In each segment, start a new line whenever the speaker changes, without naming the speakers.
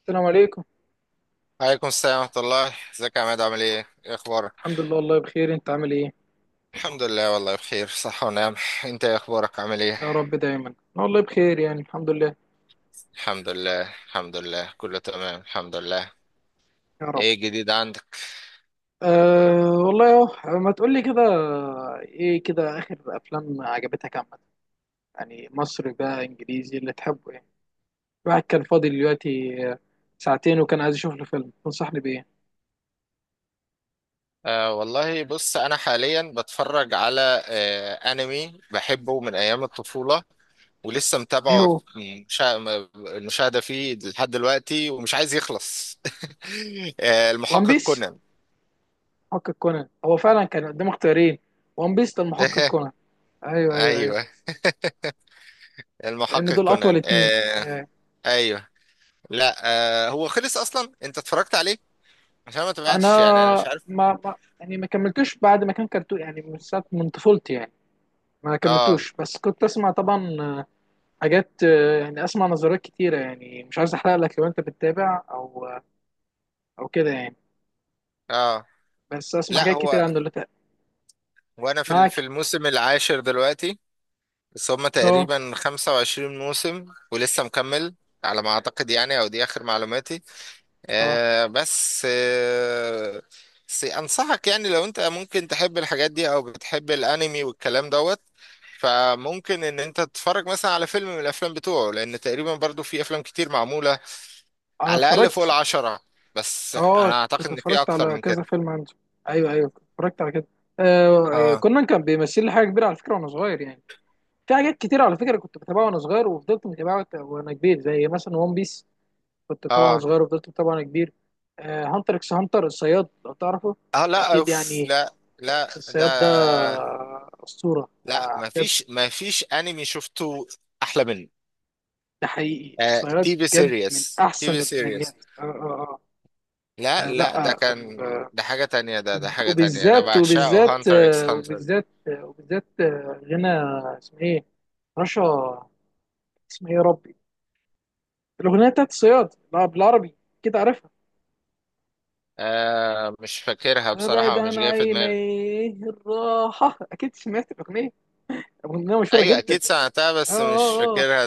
السلام عليكم.
عليكم السلام ورحمة الله، ازيك يا عماد؟ عامل ايه؟ ايه اخبارك؟
الحمد لله، والله بخير، انت عامل ايه؟
الحمد لله، والله بخير، صحة ونعم. انت ايه اخبارك؟ عامل ايه؟
يا رب دايما. أنا والله بخير، يعني الحمد لله.
الحمد لله الحمد لله، كله تمام الحمد لله.
يا رب.
ايه جديد عندك؟
أه، والله اهو ما تقول لي كده. ايه كده اخر افلام عجبتك عامه؟ يعني مصري بقى انجليزي اللي تحبه، يعني. الواحد كان فاضي دلوقتي، آه، ساعتين، وكان عايز يشوف له فيلم، تنصحني بايه؟
والله بص، انا حاليا بتفرج على انمي بحبه من ايام الطفولة، ولسه
ايه
متابعه.
هو؟
في مشا... المشاهدة فيه لحد دلوقتي ومش عايز يخلص
وان
المحقق
بيس،
كونان.
محقق كونان؟ هو فعلا كان قدام اختيارين، وان بيس ده المحقق كونان. ايوه ايوه ايوه،
ايوه،
لان
المحقق
دول اطول
كونان
اتنين.
آه،
أيوه،
ايوه، لا، هو خلص اصلا، انت اتفرجت عليه؟ عشان ما
انا
تابعتش يعني، انا مش عارف.
ما, ما يعني ما كملتوش، بعد ما كان كرتون يعني من ساعه، من طفولتي يعني. ما
اه،
كملتوش، بس كنت اسمع طبعا، حاجات، يعني اسمع نظريات كتيره، يعني مش عايز احرق لك لو انت بتتابع، او آه، او كده يعني.
اه،
بس اسمع
لا
حاجات كتيره
هو،
عنه اللي فات.
وانا في
معاك.
في الموسم العاشر دلوقتي، بس هما
اه
تقريبا 25 موسم ولسه مكمل على ما اعتقد يعني، او دي اخر معلوماتي.
اه،
آه بس آه بس انصحك يعني، لو انت ممكن تحب الحاجات دي او بتحب الانمي والكلام دوت، فممكن ان انت تتفرج مثلا على فيلم من الافلام بتوعه، لان تقريبا برضو في افلام كتير معمولة،
انا
على الاقل فوق
اتفرجت.
العشرة. بس
اه
انا اعتقد
كنت
ان في
اتفرجت
اكتر
على
من
كذا
كده.
فيلم عنده. ايوه ايوه كنت اتفرجت على كده. آه،
اه،
كنا كان بيمثل لي حاجه كبيره على فكره وانا صغير يعني. في حاجات كتير على فكره كنت بتابعها وانا صغير، وفضلت متابعها وانا كبير، زي مثلا ون بيس. كنت طبعا
اه،
صغير، وفضلت طبعا كبير. هانتر اكس هانتر، الصياد، لو تعرفه.
اه، لا
واكيد
اوف،
يعني.
لا، لا،
في
ده،
الصياد ده، اسطوره
لا،
بجد.
مفيش انمي شفته احلى منه.
ده حقيقي، الصياد
تي في
بجد من
سيريس تي
احسن
في سيريس
الانميات. اه اه اه.
لا،
يعني
لا، ده
لا
كان، ده حاجة تانية، ده حاجة تانية، انا
وبالذات
بعشقه
وبالذات
هانتر اكس
آه،
هانتر.
وبالذات آه، وبالذات آه، غنى. اسمه ايه؟ رشا. اسمه ايه يا ربي؟ الاغنيه بتاعت الصياد، لا، بالعربي، كده عارفها.
مش فاكرها
ابعد
بصراحة، مش
عن
جاية في دماغي.
عيني الراحه، اكيد سمعت الاغنيه، اغنيه مشهوره
ايوه،
جدا.
اكيد سمعتها،
اه
بس مش
اه اه.
فاكرها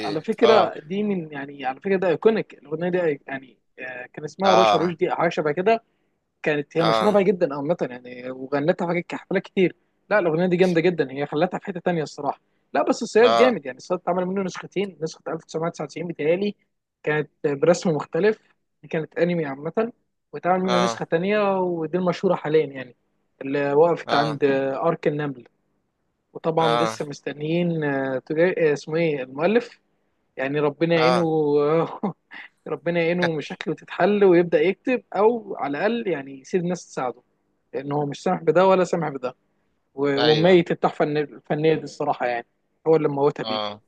على
اه،
فكره دي من، يعني على فكره ده ايكونيك الاغنيه دي يعني. كان اسمها رشا
اه،
رشدي، او حاجه شبه كده. كانت هي مشهوره
اه،
بقى جدا عامه يعني، وغنتها في حفلات كتير. لا، الاغنيه دي جامده جدا، هي خلتها في حته تانيه الصراحه. لا بس الصياد
اه،
جامد يعني. الصياد اتعمل منه نسختين، نسخه 1999 بتهيألي، كانت برسم مختلف، دي كانت انمي عامه، واتعمل منه نسخه
اه،
تانيه ودي المشهوره حاليا يعني، اللي وقفت
اه.
عند ارك النمل. وطبعا
آه.
لسه مستنيين اسمه ايه المؤلف. يعني ربنا يعينه.
اه.
ربنا يعينه، مشاكله تتحل ويبدأ يكتب، او على الاقل يعني يسيب ناس تساعده. لان هو مش سامح بده ولا سامح بده.
ايوه،
وميت التحفة الفنية دي الصراحة يعني. هو اللي موتها بيده.
اه.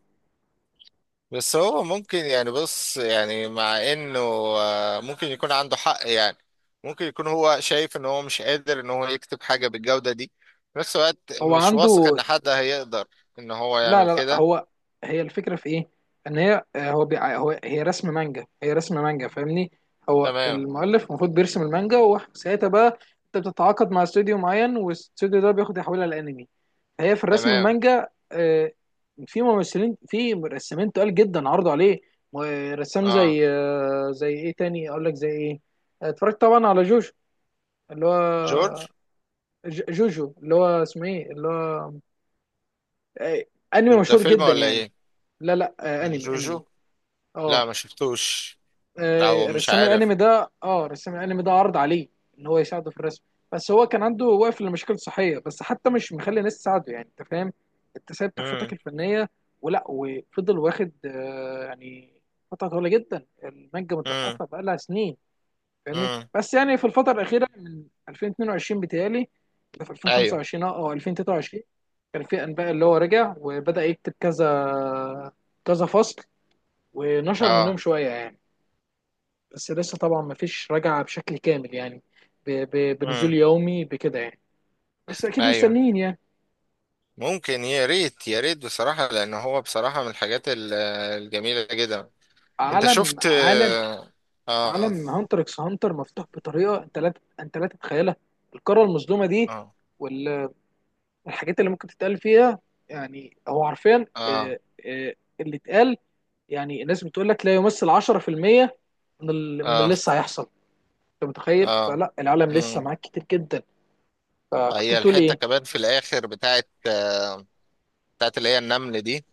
بس هو ممكن يعني، بص يعني، مع انه، ممكن يكون عنده حق يعني، ممكن يكون هو شايف ان هو مش قادر ان هو يكتب حاجة بالجودة دي، في نفس الوقت
هو
مش
عنده،
واثق ان حد هيقدر ان هو
لا
يعمل
لا لا.
كده.
هو، هي الفكره في ايه؟ ان هي آه، هو بيع... هو هي رسم مانجا، هي رسم مانجا، فاهمني. هو
تمام،
المؤلف المفروض بيرسم المانجا، وساعتها بقى انت بتتعاقد مع استوديو معين، والاستوديو ده بياخد يحولها لانمي. هي في الرسم
تمام.
المانجا، في ممثلين، في رسامين تقال جدا عرضوا عليه. م- رسام
اه،
زي، زي ايه تاني اقول لك، زي ايه؟ اتفرجت طبعا على جوجو، اللي هو
جورج.
جوجو، اللي هو اسمه ايه، اللي هو آه، انمي
ده
مشهور
فيلم
جدا
ولا
يعني.
ايه؟
لا لا، انمي.
جوجو، لا
اه
ما شفتوش، او مش عارف.
رسام الانمي ده عرض عليه ان هو يساعده في الرسم. بس هو كان عنده واقف لمشاكل صحيه، بس حتى مش مخلي ناس تساعده، يعني انت فاهم؟ انت سايب تحفتك
امم،
الفنيه، ولا وفضل واخد يعني فتره طويله جدا، المانجا
امم،
متوقفه بقالها سنين، فاهمني.
امم،
بس يعني في الفتره الاخيره من 2022 بتهيألي، ده في
ايوه،
2025 او 2023، كان في انباء اللي هو رجع وبدأ يكتب كذا، كذا فصل، ونشر منهم
اه،
شوية يعني. بس لسه طبعا مفيش رجعة بشكل كامل يعني، بنزول
امم،
يومي بكده يعني. بس أكيد
ايوه.
مستنيين يعني.
ممكن، يا ريت يا ريت بصراحة، لأن هو بصراحة من الحاجات الجميلة جدا. أنت
عالم
شفت
عالم
آه آه،
عالم هانتر اكس هانتر مفتوح بطريقة أنت لا أنت لا تتخيلها. القارة المظلومة دي،
آه،
والحاجات اللي ممكن تتقال فيها. يعني هو حرفيا،
آه،
اللي اتقال. يعني الناس بتقول لك لا يمثل 10% من من
آه،
اللي لسه هيحصل. أنت متخيل؟
آه.
فلا، العالم لسه
مم.
معاك كتير جدا. فكنت
هي
بتقول
الحتة
إيه؟
كمان في الآخر بتاعت اللي هي النمل دي،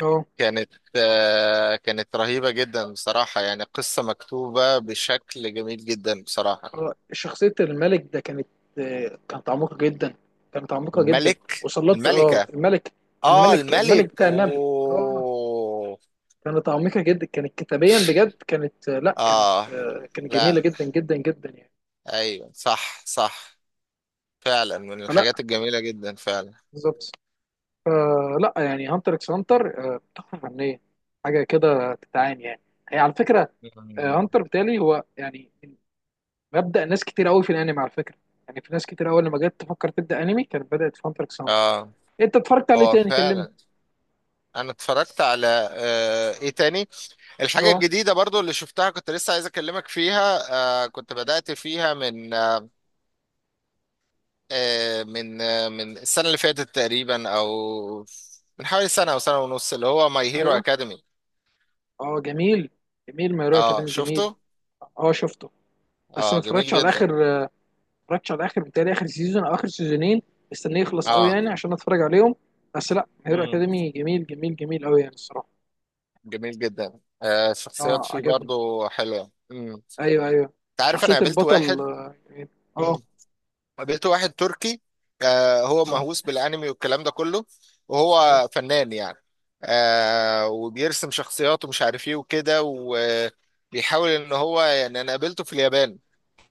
اه.
كانت رهيبة جدا بصراحة، يعني قصة مكتوبة بشكل جميل جدا بصراحة.
شخصية الملك ده كانت، كانت عميقة جدا، كانت عميقة جدا.
الملك،
وصلت،
الملكة، آه
الملك
الملك
بتاع النمل. اه،
أوه.
كانت عميقة جدا، كانت كتابيا بجد، كانت لا، كانت
آه،
آه، كانت جميلة
لا،
جدا جدا جدا يعني.
ايوه، صح، صح، فعلا من
فلا،
الحاجات الجميلة جدا فعلا.
بالظبط. فلا يعني هانتر اكس هانتر تحفة فنية، حاجة كده تتعاني يعني. هي على فكرة،
مم.
هانتر بتالي هو، يعني مبدأ ناس كتير قوي في الانمي على فكرة. يعني في ناس كتير قوي لما جت تفكر تبدأ انمي كانت بدأت في هانتر اكس هانتر.
اه،
انت اتفرجت عليه
هو
تاني كلمني.
فعلا. انا اتفرجت على ايه تاني، الحاجة
اه.
الجديدة برضو اللي شفتها، كنت لسه عايز اكلمك فيها. كنت بدأت فيها من آه آه، من آه من السنة اللي فاتت تقريبا، او من حوالي سنة او سنة ونص، اللي هو ماي هيرو
ايوه.
اكاديمي.
اه جميل، جميل، مايرو
اه،
اكاديمي جميل.
شفته.
اه شفته. بس ما
اه، جميل
اتفرجتش على اخر
جدا.
ما اتفرجتش على اخر بتاعي، اخر سيزون او اخر سيزونين. مستنيه يخلص قوي
اه.
يعني عشان اتفرج عليهم. بس لا، مايرو
مم.
اكاديمي جميل جميل جميل قوي يعني الصراحه.
جميل جدا، الشخصيات
اه
فيه
عجبني.
برضو حلوة. مم.
ايوه ايوه.
انت عارف، انا
شخصيه البطل، اه، جميل. اه.
قابلت واحد تركي. هو
آه.
مهووس بالانمي والكلام ده كله،
مم.
وهو فنان يعني. وبيرسم شخصيات، ومش عارف ايه وكده، وبيحاول ان هو يعني، انا قابلته في اليابان،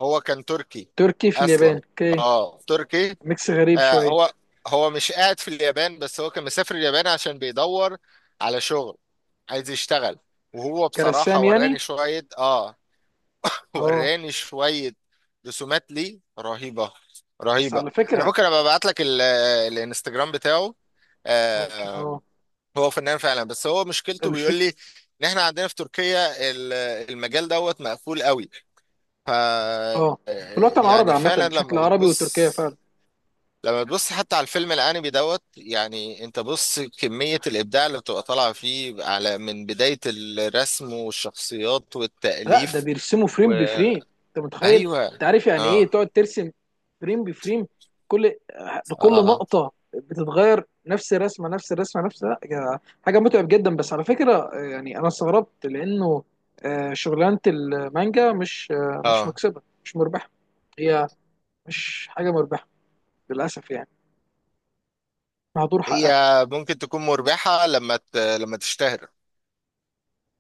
هو كان تركي
تركي في اليابان،
اصلا.
اوكي.
اه، تركي.
ميكس غريب
آه
شويه.
هو هو مش قاعد في اليابان، بس هو كان مسافر اليابان عشان بيدور على شغل، عايز يشتغل. وهو بصراحة
كرسام
وراني
يعني.
شوية، اه،
اه.
وراني شوية رسومات ليه رهيبة،
بس
رهيبة.
على
انا
فكره.
ممكن ابقى ابعت لك الانستجرام بتاعه.
ممكن
آه،
اه.
هو فنان فعلا، بس هو مشكلته بيقول
الفك.
لي ان احنا عندنا في تركيا المجال دوت مقفول قوي. ف
اه، في الوطن العربي
يعني
عامه
فعلا،
بشكل عربي وتركيا فعلا.
لما بتبص حتى على الفيلم الانمي دوت، يعني انت بص كمية الابداع اللي بتبقى طالعة فيه، على من بداية الرسم والشخصيات
لا ده
والتأليف.
بيرسموا فريم بفريم، انت متخيل؟ انت
وايوه،
عارف يعني ايه تقعد ترسم فريم بفريم؟ كل كل
اه،
نقطه بتتغير، نفس الرسمه، نفس الرسمه، نفس لا يا- حاجه متعب جدا. بس على فكره يعني انا استغربت لانه، شغلانه المانجا مش، مش
اه.
مكسبه، مش مربحه. هي مش حاجه مربحه، للاسف يعني، مهدور
هي
حقها.
ممكن تكون مربحة لما تشتهر.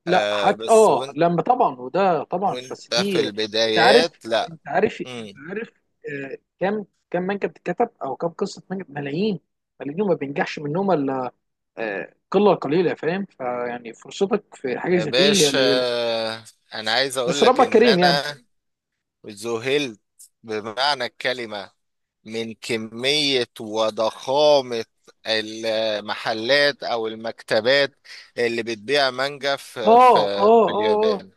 لا حتى
بس
اه
وانت
لما طبعا، وده طبعا، بس
وانت في
دي، انت عارف،
البدايات لا.
انت عارف، انت
مم.
عارف. كام، كام مانجا بتتكتب، او كام قصه مانجا؟ ملايين، ملايين. وما بينجحش منهم الا قله قليله، فاهم؟ فيعني فرصتك في حاجه
يا
زي دي هي
باشا،
قليله.
آه، انا عايز
بس
اقول لك
ربك
ان
كريم يعني.
انا ذهلت بمعنى الكلمة، من كمية وضخامة المحلات او المكتبات اللي بتبيع مانجا في في,
اه اه
في
اه اه،
اليابان.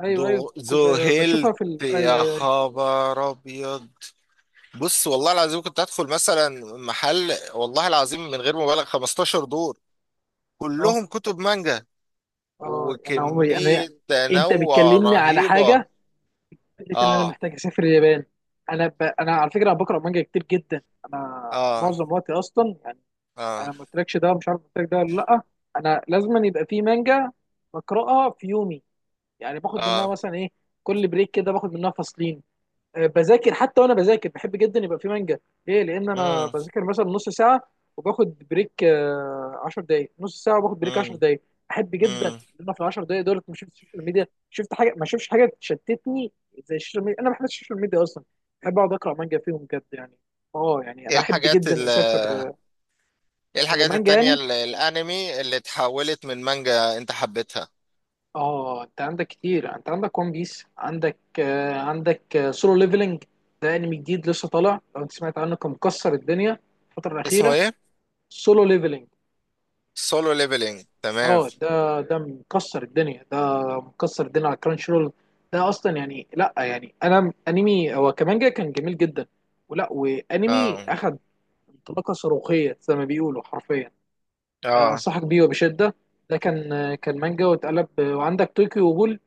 ايوه ايوه
ذو-
كنت بشوفها
ذهلت
في ايوه
يا
ايوه ايوه.
خبر ابيض. بص، والله العظيم كنت هدخل مثلا محل، والله العظيم من غير مبالغ 15 دور
اه
كلهم كتب مانجا،
اه. انا عمري انا،
وكمية
انت
تنوع
بتكلمني على
رهيبة.
حاجه، فكرة ان انا
اه،
محتاج اسافر اليابان. انا على فكره انا بقرا مانجا كتير جدا، انا
اه،
معظم وقتي اصلا يعني.
اه،
انا ما قلتلكش ده، مش عارف قلت لك ده ولا لا. انا لازم يبقى في مانجا بقراها في يومي، يعني باخد منها
اه.
مثلا ايه، كل بريك كده باخد منها فصلين. بذاكر حتى، وانا بذاكر بحب جدا يبقى في مانجا. ليه؟ لان انا
امم،
بذاكر مثلا نص ساعه وباخد بريك 10 دقائق، نص ساعه وباخد بريك 10
امم،
دقائق. احب جدا ان
امم.
انا في ال 10 دقائق دولت ما شفت السوشيال ميديا، شفت حاجه، ما شفتش حاجه تشتتني زي السوشيال ميديا. انا ما بحبش السوشيال ميديا اصلا. بحب اقعد اقرا مانجا فيهم بجد يعني. اه يعني
ايه
انا احب
الحاجات
جدا
ال
اسافر.
ايه الحاجات
مانجا
التانية،
يعني.
الانمي اللي اتحولت من مانجا انت حبيتها؟
اه، انت عندك كتير، انت عندك ون بيس، عندك عندك سولو ليفلنج. ده انمي جديد لسه طالع، لو انت سمعت عنه كان مكسر الدنيا الفتره
اسمه
الاخيره.
ايه؟
سولو ليفلنج.
سولو ليفلينج، تمام.
اه ده مكسر الدنيا، ده مكسر الدنيا على كرانش رول. ده اصلا يعني لا، يعني انا انمي هو كمان جاي كان جميل جدا، ولا وانمي
اه،
اخد انطلاقه صاروخيه زي ما بيقولوا حرفيا.
اه.
انصحك بيه وبشده. ده كان، كان مانجا واتقلب، وعندك طوكيو غول.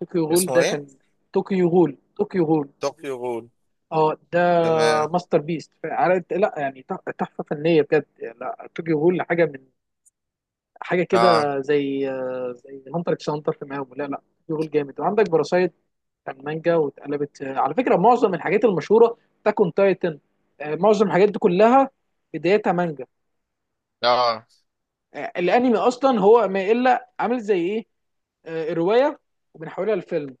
طوكيو غول
اسمه
ده
ايه؟
كان، طوكيو غول، طوكيو غول.
طوكيو غول،
اه ده
تمام.
ماستر بيست، عارف، لا يعني تحفه فنيه بجد. لا، طوكيو غول حاجه من، حاجه
اه،
كده زي، زي هانتر اكس هانتر في مقاومه. لا لا، شغل جامد. وعندك باراسايت، كان مانجا واتقلبت. على فكره معظم الحاجات المشهوره، تاكون تايتن، معظم الحاجات دي كلها بدايتها مانجا.
اه،
الانمي اصلا هو ما الا عامل زي ايه؟ روايه وبنحولها لفيلم،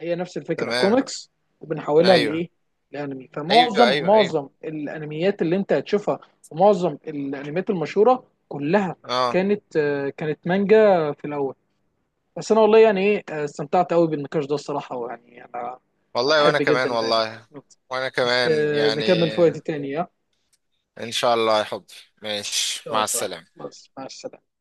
هي نفس الفكره
تمام.
كوميكس وبنحولها
ايوه،
لايه؟ لانمي.
ايوه، ايوه، ايوه،
معظم الانميات اللي انت هتشوفها، ومعظم الانميات المشهوره كلها
اه.
كانت، كانت مانجا في الاول. بس انا والله يعني ايه، استمتعت قوي بالنقاش ده الصراحه، ويعني انا، أنا
والله
بحب
وانا كمان،
جدا يعني.
والله وانا
بس
كمان يعني.
نكمل في وقت تاني، ها؟ ان
ان شاء الله يا حبي، ماشي،
شاء
مع
الله.
السلامة.
بس مع السلامه.